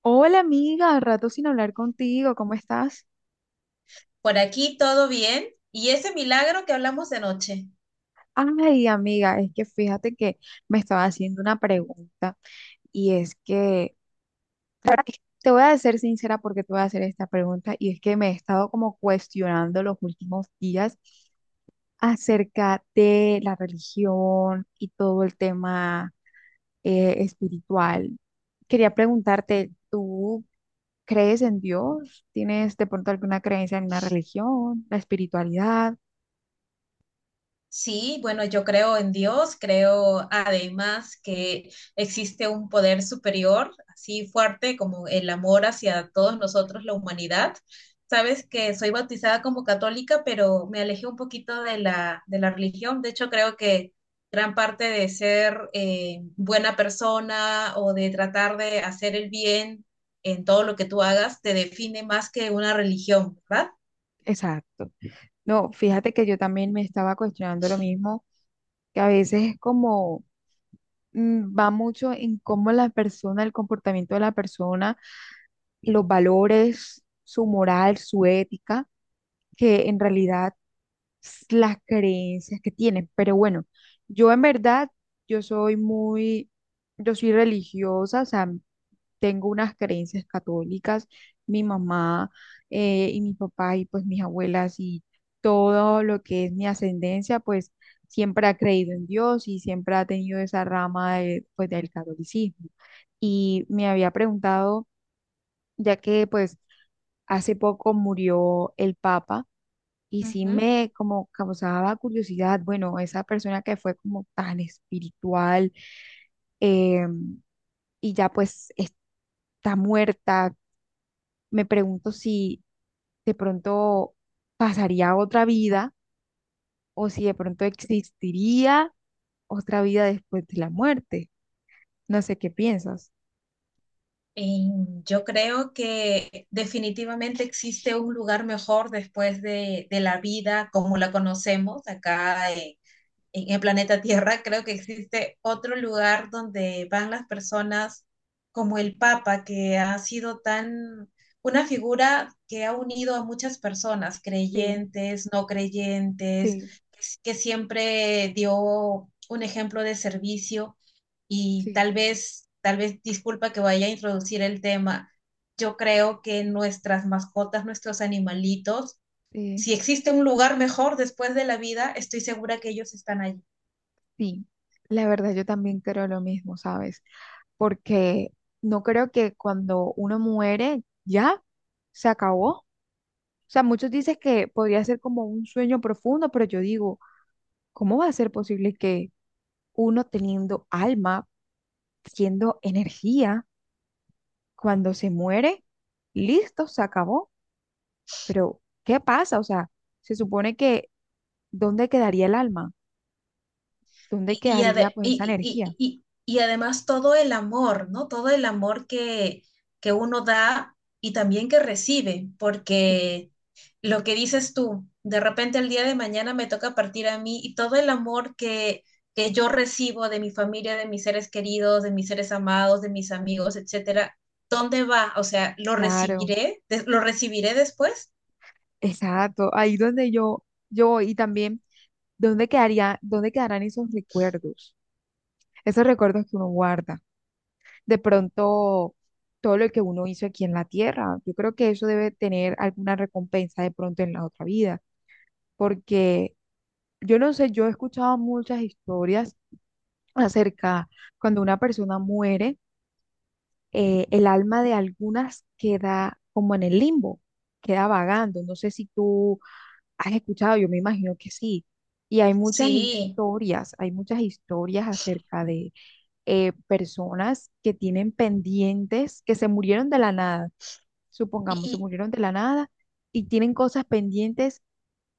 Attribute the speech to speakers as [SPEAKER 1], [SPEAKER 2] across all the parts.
[SPEAKER 1] Hola amiga, rato sin hablar contigo, ¿cómo estás?
[SPEAKER 2] Por aquí todo bien. ¿Y ese milagro que hablamos de noche?
[SPEAKER 1] Ay amiga, es que fíjate que me estaba haciendo una pregunta y es que te voy a ser sincera porque te voy a hacer esta pregunta y es que me he estado como cuestionando los últimos días acerca de la religión y todo el tema espiritual. Quería preguntarte, ¿tú crees en Dios? ¿Tienes de pronto alguna creencia en una religión, la espiritualidad?
[SPEAKER 2] Sí, bueno, yo creo en Dios, creo además que existe un poder superior, así fuerte como el amor hacia todos nosotros, la humanidad. Sabes que soy bautizada como católica, pero me alejé un poquito de la religión. De hecho, creo que gran parte de ser buena persona o de tratar de hacer el bien en todo lo que tú hagas te define más que una religión, ¿verdad?
[SPEAKER 1] Exacto. No, fíjate que yo también me estaba cuestionando lo mismo, que a veces es como va mucho en cómo la persona, el comportamiento de la persona, los valores, su moral, su ética, que en realidad las creencias que tienen. Pero bueno, yo en verdad, yo soy muy, yo soy religiosa, o sea, tengo unas creencias católicas, mi mamá y mi papá y pues mis abuelas y todo lo que es mi ascendencia, pues siempre ha creído en Dios y siempre ha tenido esa rama de, pues, del catolicismo. Y me había preguntado, ya que pues hace poco murió el Papa. Y sí
[SPEAKER 2] Ujú.
[SPEAKER 1] me como causaba curiosidad, bueno, esa persona que fue como tan espiritual eh, y ya pues está muerta, me pregunto si de pronto pasaría otra vida o si de pronto existiría otra vida después de la muerte. No sé qué piensas.
[SPEAKER 2] Y yo creo que definitivamente existe un lugar mejor después de la vida como la conocemos acá en el planeta Tierra. Creo que existe otro lugar donde van las personas como el Papa, que ha sido tan una figura que ha unido a muchas personas,
[SPEAKER 1] Sí,
[SPEAKER 2] creyentes, no creyentes,
[SPEAKER 1] sí,
[SPEAKER 2] que siempre dio un ejemplo de servicio. Y
[SPEAKER 1] sí.
[SPEAKER 2] tal vez, disculpa que vaya a introducir el tema, yo creo que nuestras mascotas, nuestros animalitos,
[SPEAKER 1] Sí,
[SPEAKER 2] si existe un lugar mejor después de la vida, estoy segura que ellos están allí.
[SPEAKER 1] sí, la verdad yo también creo lo mismo, ¿sabes? Porque no creo que cuando uno muere ya se acabó. O sea, muchos dicen que podría ser como un sueño profundo, pero yo digo, ¿cómo va a ser posible que uno teniendo alma, siendo energía? Cuando se muere, listo, se acabó. Pero, ¿qué pasa? O sea, se supone que ¿dónde quedaría el alma? ¿Dónde
[SPEAKER 2] Y, y,
[SPEAKER 1] quedaría
[SPEAKER 2] ade-
[SPEAKER 1] pues esa
[SPEAKER 2] y, y-
[SPEAKER 1] energía?
[SPEAKER 2] y- y- y además todo el amor, ¿no? Todo el amor que uno da y también que recibe,
[SPEAKER 1] Sí,
[SPEAKER 2] porque lo que dices tú, de repente el día de mañana me toca partir a mí y todo el amor que yo recibo de mi familia, de mis seres queridos, de mis seres amados, de mis amigos, etcétera, ¿dónde va? O sea, ¿lo
[SPEAKER 1] claro,
[SPEAKER 2] recibiré? ¿Lo recibiré después?
[SPEAKER 1] exacto. Ahí donde yo voy. Y también dónde quedaría, dónde quedarán esos recuerdos que uno guarda. De pronto, todo lo que uno hizo aquí en la tierra, yo creo que eso debe tener alguna recompensa de pronto en la otra vida, porque yo no sé, yo he escuchado muchas historias acerca cuando una persona muere, el alma de algunas queda como en el limbo, queda vagando. No sé si tú has escuchado, yo me imagino que sí. Y
[SPEAKER 2] Sí.
[SPEAKER 1] hay muchas historias acerca de personas que tienen pendientes, que se murieron de la nada, supongamos, se murieron de la nada y tienen cosas pendientes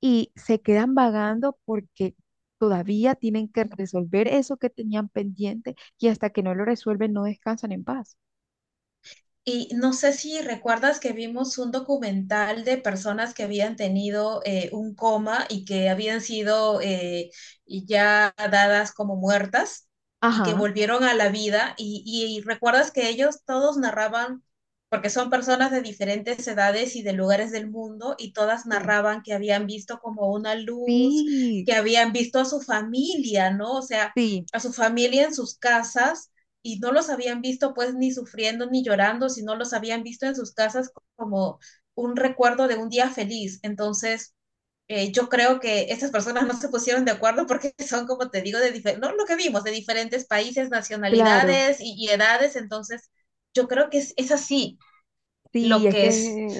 [SPEAKER 1] y se quedan vagando porque todavía tienen que resolver eso que tenían pendiente y hasta que no lo resuelven no descansan en paz.
[SPEAKER 2] Y no sé si recuerdas que vimos un documental de personas que habían tenido un coma y que habían sido ya dadas como muertas y que
[SPEAKER 1] Ajá.
[SPEAKER 2] volvieron a la vida. Y recuerdas que ellos todos narraban, porque son personas de diferentes edades y de lugares del mundo, y todas
[SPEAKER 1] Sí.
[SPEAKER 2] narraban que habían visto como una luz,
[SPEAKER 1] Sí,
[SPEAKER 2] que habían visto a su familia, ¿no? O sea,
[SPEAKER 1] sí,
[SPEAKER 2] a su familia en sus casas y no los habían visto pues ni sufriendo ni llorando, sino los habían visto en sus casas como un recuerdo de un día feliz. Entonces, yo creo que estas personas no se pusieron de acuerdo porque son, como te digo, no, lo que vimos, de diferentes países,
[SPEAKER 1] claro,
[SPEAKER 2] nacionalidades y edades. Entonces, yo creo que así
[SPEAKER 1] sí,
[SPEAKER 2] lo
[SPEAKER 1] es
[SPEAKER 2] que es,
[SPEAKER 1] que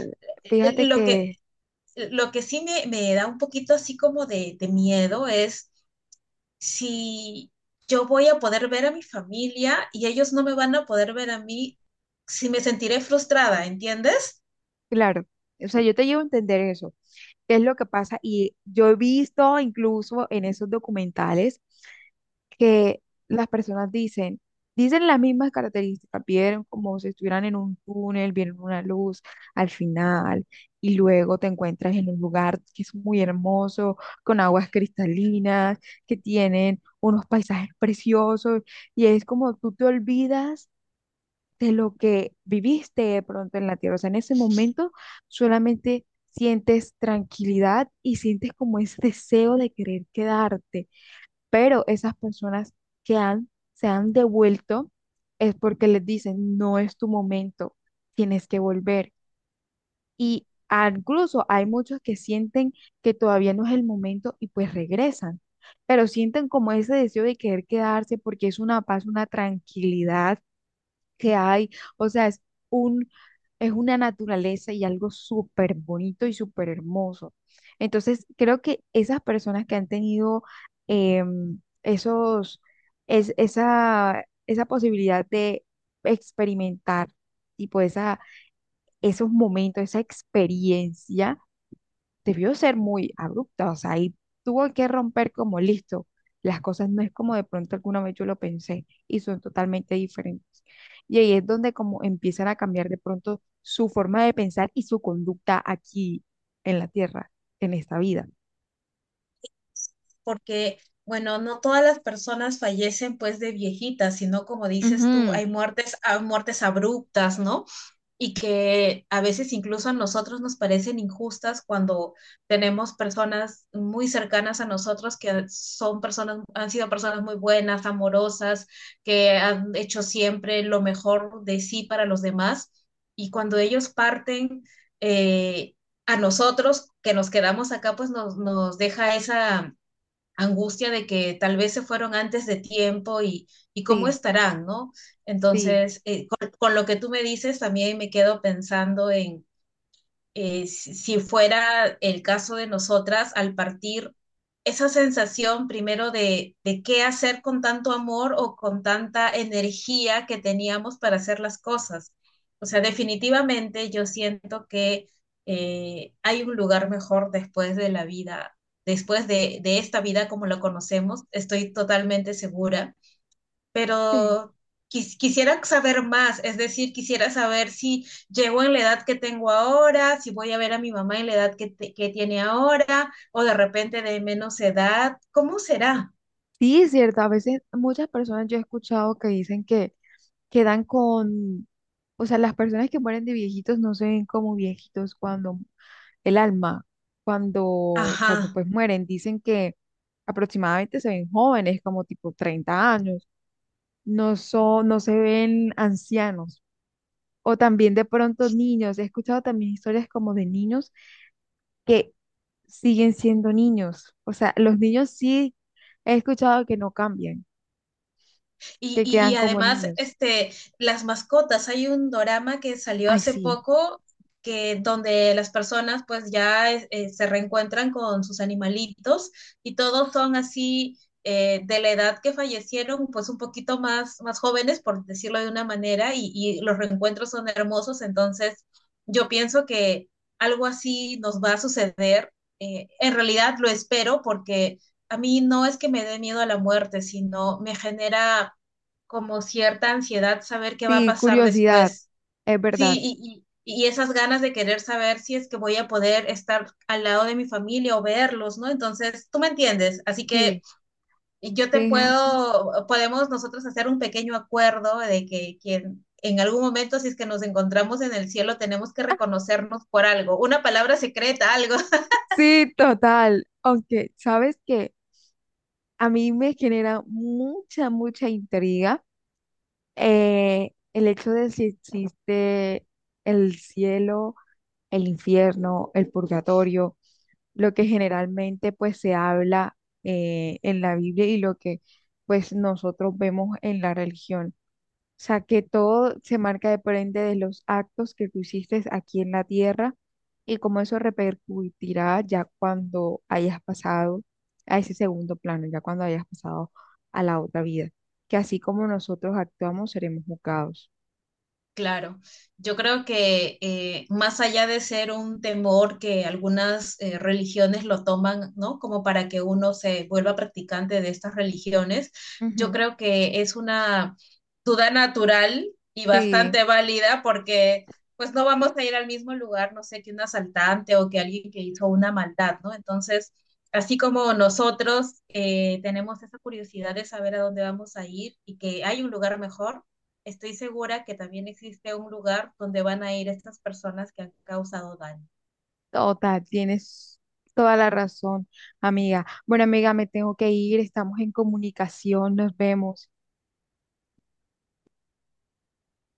[SPEAKER 2] eh, eh,
[SPEAKER 1] fíjate
[SPEAKER 2] lo que,
[SPEAKER 1] que,
[SPEAKER 2] lo que sí me da un poquito así como de miedo es si yo voy a poder ver a mi familia y ellos no me van a poder ver a mí, si me sentiré frustrada, ¿entiendes?
[SPEAKER 1] claro, o sea, yo te llevo a entender eso, qué es lo que pasa y yo he visto incluso en esos documentales que las personas dicen, dicen las mismas características, vieron como si estuvieran en un túnel, vieron una luz al final y luego te encuentras en un lugar que es muy hermoso, con aguas cristalinas, que tienen unos paisajes preciosos y es como tú te olvidas de lo que viviste de pronto en la tierra, o sea, en ese momento solamente sientes tranquilidad y sientes como ese deseo de querer quedarte pero esas personas que han, se han devuelto es porque les dicen, no es tu momento, tienes que volver. Y incluso hay muchos que sienten que todavía no es el momento y pues regresan, pero sienten como ese deseo de querer quedarse porque es una paz, una tranquilidad que hay, o sea, es un, es una naturaleza y algo súper bonito y súper hermoso. Entonces, creo que esas personas que han tenido esos, es, esa posibilidad de experimentar, tipo, esa, esos momentos, esa experiencia, debió ser muy abrupta, o sea, ahí tuvo que romper como listo. Las cosas no es como de pronto alguna vez yo lo pensé y son totalmente diferentes. Y ahí es donde como empiezan a cambiar de pronto su forma de pensar y su conducta aquí en la tierra, en esta vida.
[SPEAKER 2] Porque, bueno, no todas las personas fallecen pues de viejitas, sino como dices tú,
[SPEAKER 1] Ujú.
[SPEAKER 2] hay muertes abruptas, ¿no? Y que a veces incluso a nosotros nos parecen injustas cuando tenemos personas muy cercanas a nosotros que son personas, han sido personas muy buenas, amorosas, que han hecho siempre lo mejor de sí para los demás. Y cuando ellos parten eh, a nosotros, que nos quedamos acá, pues nos deja esa angustia de que tal vez se fueron antes de tiempo y cómo
[SPEAKER 1] Sí,
[SPEAKER 2] estarán, ¿no?
[SPEAKER 1] sí,
[SPEAKER 2] Entonces, lo que tú me dices, también me quedo pensando en, si fuera el caso de nosotras, al partir esa sensación primero de qué hacer con tanto amor o con tanta energía que teníamos para hacer las cosas. O sea, definitivamente yo siento que hay un lugar mejor después de la vida, después de esta vida como la conocemos, estoy totalmente segura.
[SPEAKER 1] sí.
[SPEAKER 2] Pero quisiera saber más, es decir, quisiera saber si llego en la edad que tengo ahora, si voy a ver a mi mamá en la edad que tiene ahora, o de repente de menos edad, ¿cómo será?
[SPEAKER 1] Sí, es cierto. A veces muchas personas yo he escuchado que dicen que quedan con, o sea, las personas que mueren de viejitos no se ven como viejitos cuando el alma, cuando, cuando
[SPEAKER 2] Ajá.
[SPEAKER 1] pues mueren, dicen que aproximadamente se ven jóvenes, como tipo 30 años, no son, no se ven ancianos, o también de pronto niños. He escuchado también historias como de niños que siguen siendo niños. O sea, los niños sí he escuchado que no cambian,
[SPEAKER 2] Y,
[SPEAKER 1] que
[SPEAKER 2] y,
[SPEAKER 1] quedan
[SPEAKER 2] y
[SPEAKER 1] como
[SPEAKER 2] además,
[SPEAKER 1] niños.
[SPEAKER 2] este, las mascotas, hay un dorama que salió
[SPEAKER 1] Ay,
[SPEAKER 2] hace
[SPEAKER 1] sí,
[SPEAKER 2] poco que donde las personas pues ya se reencuentran con sus animalitos y todos son así de la edad que fallecieron, pues un poquito más, más jóvenes, por decirlo de una manera, y los reencuentros son hermosos, entonces yo pienso que algo así nos va a suceder. En realidad lo espero porque a mí no es que me dé miedo a la muerte, sino me genera como cierta ansiedad saber qué va a
[SPEAKER 1] sí,
[SPEAKER 2] pasar
[SPEAKER 1] curiosidad,
[SPEAKER 2] después.
[SPEAKER 1] es verdad,
[SPEAKER 2] Sí, y esas ganas de querer saber si es que voy a poder estar al lado de mi familia o verlos, ¿no? Entonces, tú me entiendes, así que
[SPEAKER 1] sí,
[SPEAKER 2] yo te
[SPEAKER 1] fíjate.
[SPEAKER 2] puedo, podemos nosotros hacer un pequeño acuerdo de que quien... En algún momento, si es que nos encontramos en el cielo, tenemos que reconocernos por algo, una palabra secreta, algo.
[SPEAKER 1] Sí, total. Aunque, ¿sabes qué? A mí me genera mucha, mucha intriga el hecho de si existe el cielo, el infierno, el purgatorio, lo que generalmente pues se habla en la Biblia y lo que pues nosotros vemos en la religión. O sea, que todo se marca depende de los actos que tú hiciste aquí en la tierra y cómo eso repercutirá ya cuando hayas pasado a ese segundo plano, ya cuando hayas pasado a la otra vida. Que así como nosotros actuamos, seremos juzgados.
[SPEAKER 2] Claro, yo creo que más allá de ser un temor que algunas religiones lo toman, ¿no? Como para que uno se vuelva practicante de estas religiones, yo
[SPEAKER 1] Ujú.
[SPEAKER 2] creo que es una duda natural y
[SPEAKER 1] Sí,
[SPEAKER 2] bastante válida porque pues no vamos a ir al mismo lugar, no sé, que un asaltante o que alguien que hizo una maldad, ¿no? Entonces, así como nosotros tenemos esa curiosidad de saber a dónde vamos a ir y que hay un lugar mejor, estoy segura que también existe un lugar donde van a ir estas personas que han causado daño.
[SPEAKER 1] total, tienes toda la razón, amiga. Bueno, amiga, me tengo que ir, estamos en comunicación, nos vemos.